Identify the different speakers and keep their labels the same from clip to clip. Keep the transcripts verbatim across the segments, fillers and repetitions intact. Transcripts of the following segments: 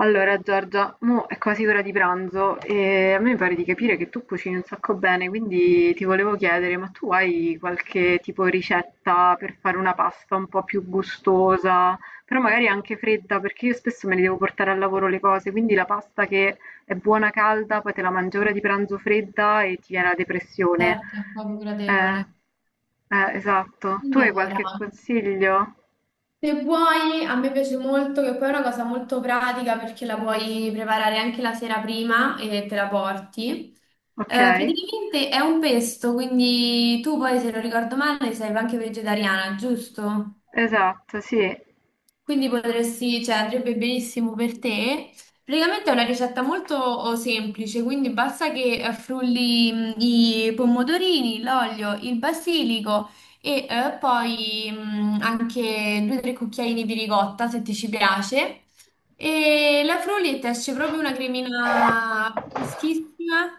Speaker 1: Allora Giorgia, mo è quasi ora di pranzo e a me mi pare di capire che tu cucini un sacco bene, quindi ti volevo chiedere, ma tu hai qualche tipo ricetta per fare una pasta un po' più gustosa, però magari anche fredda, perché io spesso me ne devo portare al lavoro le cose, quindi la pasta che è buona calda, poi te la mangi ora di pranzo fredda e ti viene la depressione.
Speaker 2: Certo, è proprio
Speaker 1: Eh,
Speaker 2: gradevole.
Speaker 1: eh, esatto. Tu hai
Speaker 2: Allora,
Speaker 1: qualche consiglio?
Speaker 2: se vuoi, a me piace molto, che poi è una cosa molto pratica perché la puoi preparare anche la sera prima e te la porti.
Speaker 1: Ok,
Speaker 2: Eh, praticamente è un pesto, quindi tu poi, se non ricordo male, sei anche vegetariana, giusto?
Speaker 1: esatto, sì.
Speaker 2: Quindi potresti, cioè andrebbe benissimo per te. Praticamente è una ricetta molto oh, semplice, quindi basta che eh, frulli mh, i pomodorini, l'olio, il basilico e eh, poi mh, anche due o tre cucchiaini di ricotta se ti ci piace. E la Frullit esce proprio una cremina fischissima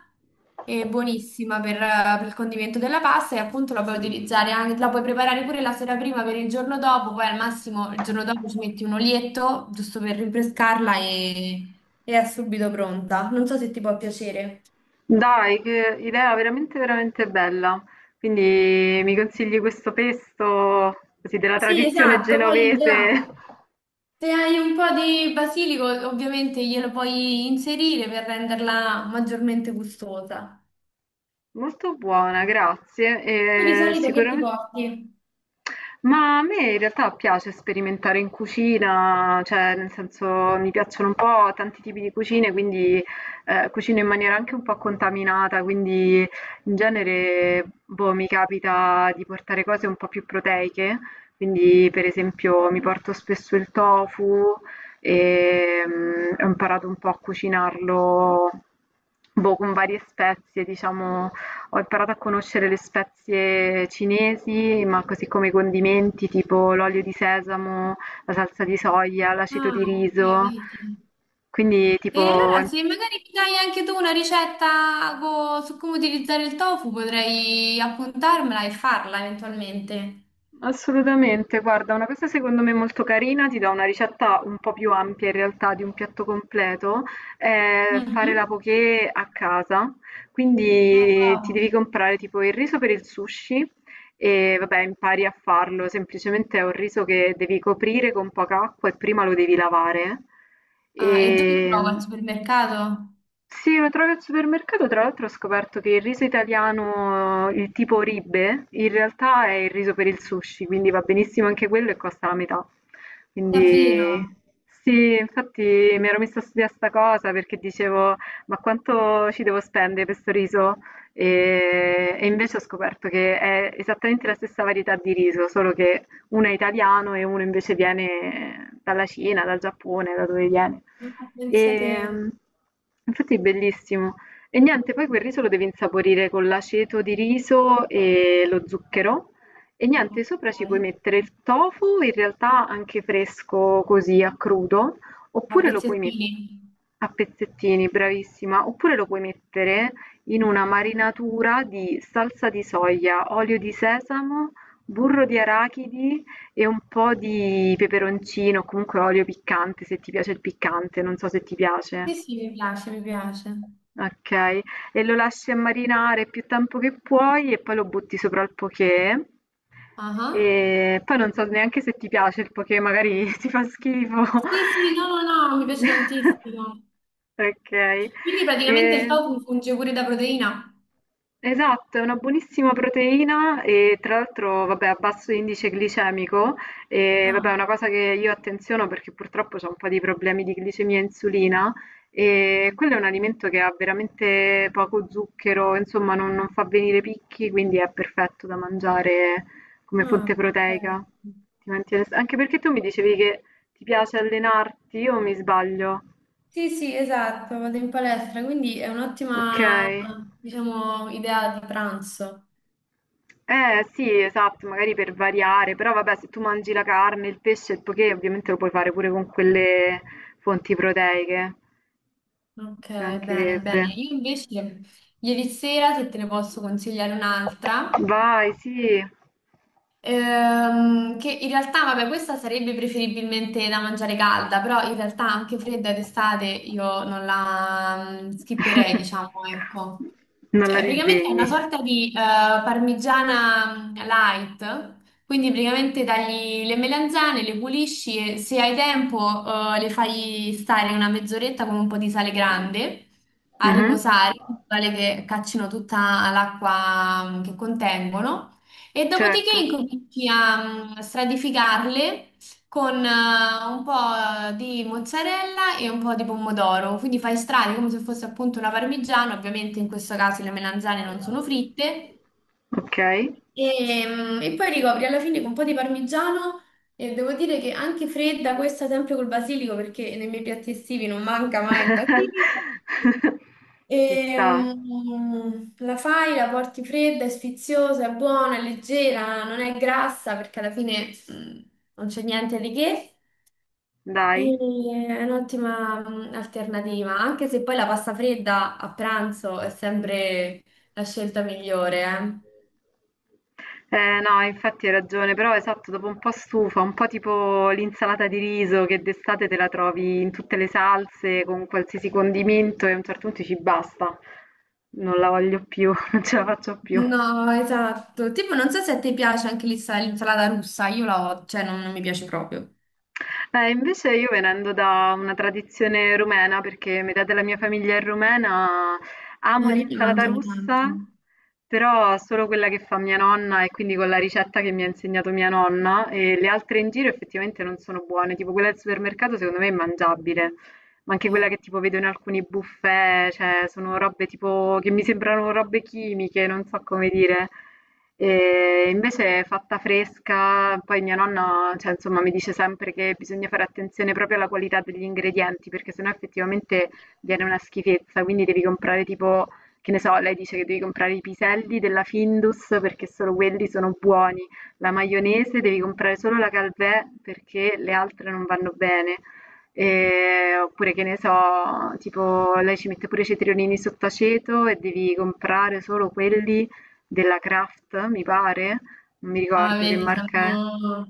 Speaker 2: e buonissima per, per il condimento della pasta e appunto la puoi utilizzare anche, la puoi preparare pure la sera prima per il giorno dopo, poi al massimo il giorno dopo ci metti un olietto giusto per rinfrescarla e, e è subito pronta. Non so se ti può piacere.
Speaker 1: Dai, che idea veramente, veramente bella. Quindi mi consigli questo pesto, così della
Speaker 2: Sì,
Speaker 1: tradizione
Speaker 2: esatto, poi
Speaker 1: genovese.
Speaker 2: gliela- se hai un po' di basilico ovviamente glielo puoi inserire per renderla maggiormente gustosa.
Speaker 1: Molto buona,
Speaker 2: Tu di
Speaker 1: grazie. E
Speaker 2: solito che ti
Speaker 1: sicuramente.
Speaker 2: porti?
Speaker 1: Ma a me in realtà piace sperimentare in cucina, cioè nel senso mi piacciono un po' tanti tipi di cucine, quindi eh, cucino in maniera anche un po' contaminata, quindi in genere boh, mi capita di portare cose un po' più proteiche, quindi per esempio mi
Speaker 2: Ok.
Speaker 1: porto spesso il tofu e mm, ho imparato un po' a cucinarlo boh, con varie spezie, diciamo ho imparato a conoscere le spezie cinesi, ma così come i condimenti tipo l'olio di sesamo, la salsa di soia, l'aceto
Speaker 2: Ah,
Speaker 1: di
Speaker 2: ok,
Speaker 1: riso.
Speaker 2: vedi.
Speaker 1: Quindi
Speaker 2: E
Speaker 1: tipo ho
Speaker 2: allora
Speaker 1: im-
Speaker 2: se magari mi dai anche tu una ricetta co- su come utilizzare il tofu, potrei appuntarmela e farla eventualmente.
Speaker 1: Assolutamente, guarda, una cosa secondo me molto carina, ti dà una ricetta un po' più ampia in realtà di un piatto completo, è fare la
Speaker 2: Mhm.
Speaker 1: poké a casa.
Speaker 2: Ah,
Speaker 1: Quindi ti
Speaker 2: wow.
Speaker 1: devi comprare tipo il riso per il sushi e vabbè, impari a farlo, semplicemente è un riso che devi coprire con poca acqua e prima lo devi lavare.
Speaker 2: Ah, e dove lo trovo? Al
Speaker 1: E...
Speaker 2: supermercato?
Speaker 1: Sì, lo trovi al supermercato, tra l'altro ho scoperto che il riso italiano, il tipo Ribe, in realtà è il riso per il sushi, quindi va benissimo anche quello e costa la metà.
Speaker 2: Davvero?
Speaker 1: Quindi sì, infatti mi ero messa a studiare sta cosa perché dicevo, ma quanto ci devo spendere per sto riso? E, e invece ho scoperto che è esattamente la stessa varietà di riso, solo che uno è italiano e uno invece viene dalla Cina, dal Giappone, da dove viene.
Speaker 2: Ah,
Speaker 1: E,
Speaker 2: pensate.
Speaker 1: mm, infatti è bellissimo. E niente, poi quel riso lo devi insaporire con l'aceto di riso e lo zucchero. E niente, sopra ci puoi
Speaker 2: Ok.
Speaker 1: mettere il tofu, in realtà anche fresco così a crudo,
Speaker 2: A
Speaker 1: oppure lo puoi mettere
Speaker 2: pezzettini?
Speaker 1: a pezzettini, bravissima, oppure lo puoi mettere in una marinatura di salsa di soia, olio di sesamo, burro di arachidi e un po' di peperoncino, o comunque olio piccante, se ti piace il piccante, non so se ti piace.
Speaker 2: Sì, sì, mi piace, mi piace.
Speaker 1: Okay, e lo lasci a marinare più tempo che puoi e poi lo butti sopra al poké.
Speaker 2: Ah.
Speaker 1: E poi non so neanche se ti piace il poké, magari ti fa schifo.
Speaker 2: Sì, sì, no, no, no, mi piace tantissimo.
Speaker 1: Okay,
Speaker 2: Quindi praticamente il
Speaker 1: ehm
Speaker 2: tofu funge pure da proteina.
Speaker 1: esatto, è una buonissima proteina e tra l'altro, vabbè, a basso indice glicemico e vabbè,
Speaker 2: Ah.
Speaker 1: è una cosa che io attenziono perché purtroppo ho un po' di problemi di glicemia e insulina e quello è un alimento che ha veramente poco zucchero, insomma, non, non fa venire picchi, quindi è perfetto da mangiare come
Speaker 2: Ah,
Speaker 1: fonte proteica.
Speaker 2: perfetto.
Speaker 1: Ti mantiene- Anche perché tu mi dicevi che ti piace allenarti, io mi sbaglio?
Speaker 2: Sì, sì, esatto, vado in palestra, quindi è
Speaker 1: Ok.
Speaker 2: un'ottima, diciamo, idea di pranzo.
Speaker 1: Eh sì, esatto, magari per variare, però vabbè, se tu mangi la carne, il pesce, il poké, ovviamente lo puoi fare pure con quelle fonti proteiche,
Speaker 2: Ok,
Speaker 1: ci
Speaker 2: bene,
Speaker 1: mancherebbe.
Speaker 2: bene. Io invece ieri sera, se te ne posso consigliare un'altra,
Speaker 1: Vai, sì.
Speaker 2: Ehm, che in realtà, vabbè, questa sarebbe preferibilmente da mangiare calda, però in realtà anche fredda d'estate io non la mm, skipperei, diciamo, ecco.
Speaker 1: Non
Speaker 2: Cioè,
Speaker 1: la
Speaker 2: praticamente è una
Speaker 1: disdegni.
Speaker 2: sorta di eh, parmigiana mm, light, quindi praticamente tagli le melanzane, le pulisci e se hai tempo eh, le fai stare una mezz'oretta con un po' di sale grande a
Speaker 1: Mhm.
Speaker 2: riposare, in modo tale che caccino tutta l'acqua mm, che contengono. E dopodiché
Speaker 1: Certo,
Speaker 2: incominci a mm, stratificarle con eh, un po' di mozzarella e un po' di pomodoro. Quindi fai strati come se fosse appunto una parmigiana, ovviamente in questo caso le melanzane non sono fritte.
Speaker 1: ok.
Speaker 2: E, mm, e poi ricopri alla fine con un po' di parmigiano e devo dire che anche fredda, questa sempre col basilico, perché nei miei piatti estivi non manca mai il basilico.
Speaker 1: Ci
Speaker 2: E,
Speaker 1: sta,
Speaker 2: mm, la fai, la porti fredda, è sfiziosa, è buona, è leggera, non è grassa perché alla fine mm, non c'è niente di che. E
Speaker 1: dai.
Speaker 2: eh, è un'ottima mm, alternativa, anche se poi la pasta fredda a pranzo è sempre la scelta migliore, eh.
Speaker 1: Eh, no, infatti hai ragione, però esatto, dopo un po' stufa, un po' tipo l'insalata di riso che d'estate te la trovi in tutte le salse, con qualsiasi condimento e a un certo punto dici basta, non la voglio più, non ce la faccio più.
Speaker 2: No, esatto. Tipo, non so se a te piace anche l'insa- l'insalata russa, io la ho, cioè non, non mi piace proprio.
Speaker 1: Eh, invece io venendo da una tradizione rumena, perché metà della mia famiglia è rumena, amo
Speaker 2: Eh, lì ne
Speaker 1: l'insalata
Speaker 2: mangiano tanto.
Speaker 1: russa, però solo quella che fa mia nonna e quindi con la ricetta che mi ha insegnato mia nonna e le altre in giro effettivamente non sono buone, tipo quella del supermercato secondo me è mangiabile, ma anche quella
Speaker 2: Eh.
Speaker 1: che tipo vedo in alcuni buffet, cioè sono robe tipo che mi sembrano robe chimiche, non so come dire. E invece è fatta fresca, poi mia nonna, cioè, insomma, mi dice sempre che bisogna fare attenzione proprio alla qualità degli ingredienti, perché sennò effettivamente viene una schifezza, quindi devi comprare tipo, che ne so, lei dice che devi comprare i piselli della Findus perché solo quelli sono buoni, la maionese devi comprare solo la Calvé perché le altre non vanno bene. E- oppure che ne so, tipo lei ci mette pure i cetriolini sott'aceto e devi comprare solo quelli della Kraft, mi pare, non mi
Speaker 2: Ah,
Speaker 1: ricordo che
Speaker 2: vedi,
Speaker 1: marca è.
Speaker 2: siamo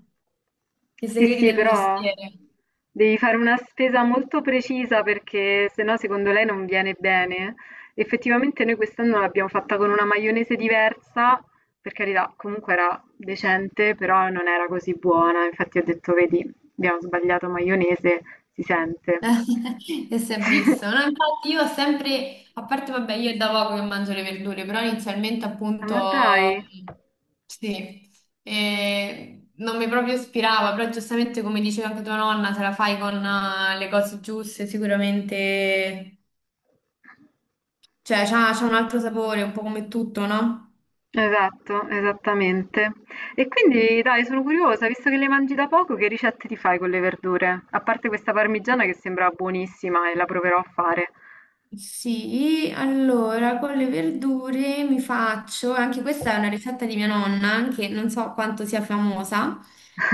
Speaker 2: i
Speaker 1: Sì,
Speaker 2: segreti
Speaker 1: sì,
Speaker 2: del
Speaker 1: però
Speaker 2: mestiere.
Speaker 1: devi fare una spesa molto precisa perché sennò secondo lei non viene bene. Effettivamente noi quest'anno l'abbiamo fatta con una maionese diversa, per carità, comunque era decente, però non era così buona. Infatti ho detto, vedi, abbiamo sbagliato maionese, si sente.
Speaker 2: E si è
Speaker 1: Sì.
Speaker 2: visto, no? Infatti io ho sempre, a parte vabbè, io è da poco che mangio le verdure, però inizialmente
Speaker 1: Ah,
Speaker 2: appunto
Speaker 1: ma dai.
Speaker 2: sì, e non mi proprio ispirava, però giustamente come diceva anche tua nonna, se la fai con eh, le cose giuste sicuramente, cioè c'ha c'ha un altro sapore, un po' come tutto, no?
Speaker 1: Esatto, esattamente. E quindi dai, sono curiosa, visto che le mangi da poco, che ricette ti fai con le verdure? A parte questa parmigiana che sembra buonissima e la proverò a fare.
Speaker 2: Sì, allora con le verdure mi faccio, anche questa è una ricetta di mia nonna, che non so quanto sia famosa,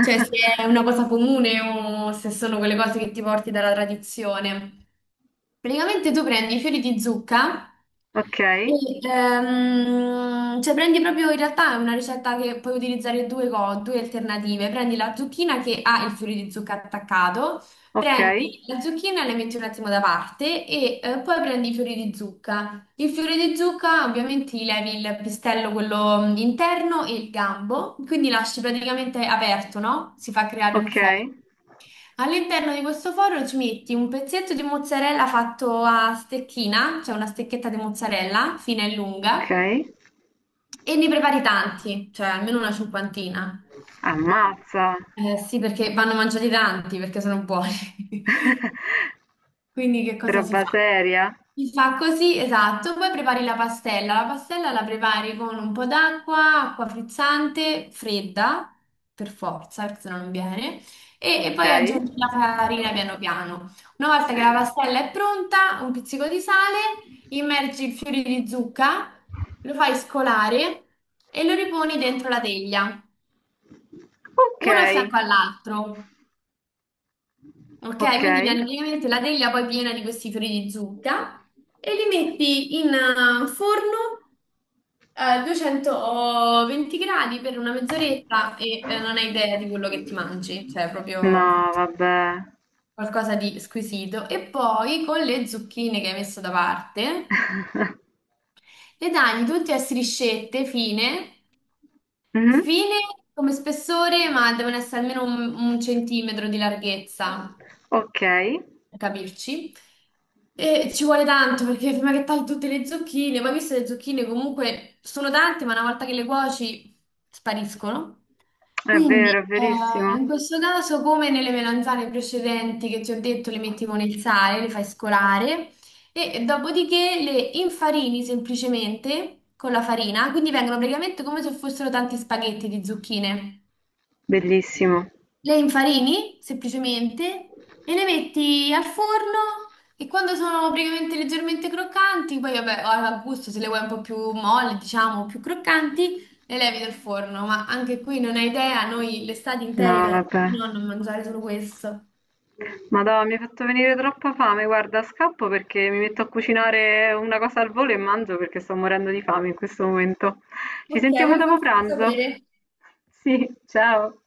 Speaker 2: cioè se è una cosa comune o se sono quelle cose che ti porti dalla tradizione. Praticamente tu prendi i fiori di zucca
Speaker 1: Ok,
Speaker 2: e, ehm, cioè prendi proprio in realtà è una ricetta che puoi utilizzare due, co- due alternative. Prendi la zucchina che ha il fiore di zucca attaccato,
Speaker 1: ok,
Speaker 2: prendi la zucchina e la metti un attimo da parte e eh, poi prendi i fiori di zucca. Il fiore di zucca ovviamente gli levi il pistello, quello mm, interno e il gambo, quindi lasci praticamente aperto, no? Si fa creare un
Speaker 1: ok,
Speaker 2: fuoco. All'interno di questo forno ci metti un pezzetto di mozzarella fatto a stecchina, cioè una stecchetta di mozzarella fina e
Speaker 1: ok.
Speaker 2: lunga, e ne prepari tanti, cioè almeno una cinquantina.
Speaker 1: Ammazza.
Speaker 2: Eh, sì, perché vanno mangiati tanti, perché sono buoni. Quindi che cosa si
Speaker 1: Roba
Speaker 2: fa?
Speaker 1: seria.
Speaker 2: Si fa così, esatto. Poi prepari la pastella. La pastella la prepari con un po' d'acqua, acqua frizzante, fredda, per forza, perché se no non viene. E, e
Speaker 1: Ok.
Speaker 2: poi aggiungi la farina piano piano. Una volta che la pastella è pronta, un pizzico di sale, immergi i fiori di zucca, lo fai scolare e lo riponi dentro la teglia,
Speaker 1: Ok,
Speaker 2: uno a fianco all'altro. Ok,
Speaker 1: ok.
Speaker 2: quindi viene praticamente la teglia poi piena di questi fiori di zucca e li metti in eh, forno a duecentoventi gradi per una mezz'oretta e eh, non hai idea di quello che ti mangi, cioè
Speaker 1: No,
Speaker 2: proprio
Speaker 1: vabbè.
Speaker 2: qualcosa di squisito. E poi con le zucchine che hai messo da parte le tagli tutte a striscette fine,
Speaker 1: Mhm.
Speaker 2: fine come spessore, ma devono essere almeno un un centimetro di larghezza.
Speaker 1: Ok, è
Speaker 2: Capirci. E ci vuole tanto perché prima che tagli tutte le zucchine, poi viste le zucchine comunque sono tante, ma una volta che le cuoci spariscono.
Speaker 1: vero, è
Speaker 2: Quindi, eh,
Speaker 1: verissimo.
Speaker 2: in questo caso, come nelle melanzane precedenti che ti ho detto, le metti con il sale, le fai scolare e dopodiché le infarini semplicemente con la farina, quindi vengono praticamente come se fossero tanti spaghetti di zucchine.
Speaker 1: Bellissimo.
Speaker 2: Le infarini semplicemente e le metti al forno e quando sono praticamente leggermente croccanti, poi vabbè, a gusto se le vuoi un po' più molli, diciamo, più croccanti, le levi dal forno, ma anche qui non hai idea, noi l'estate
Speaker 1: No,
Speaker 2: intera
Speaker 1: vabbè.
Speaker 2: no, non mangiare solo questo.
Speaker 1: Madonna, mi hai fatto venire troppa fame. Guarda, scappo perché mi metto a cucinare una cosa al volo e mangio perché sto morendo di fame in questo momento. Ci
Speaker 2: Ok,
Speaker 1: sentiamo
Speaker 2: vuoi
Speaker 1: dopo
Speaker 2: farmi
Speaker 1: pranzo.
Speaker 2: sapere?
Speaker 1: Sì, ciao.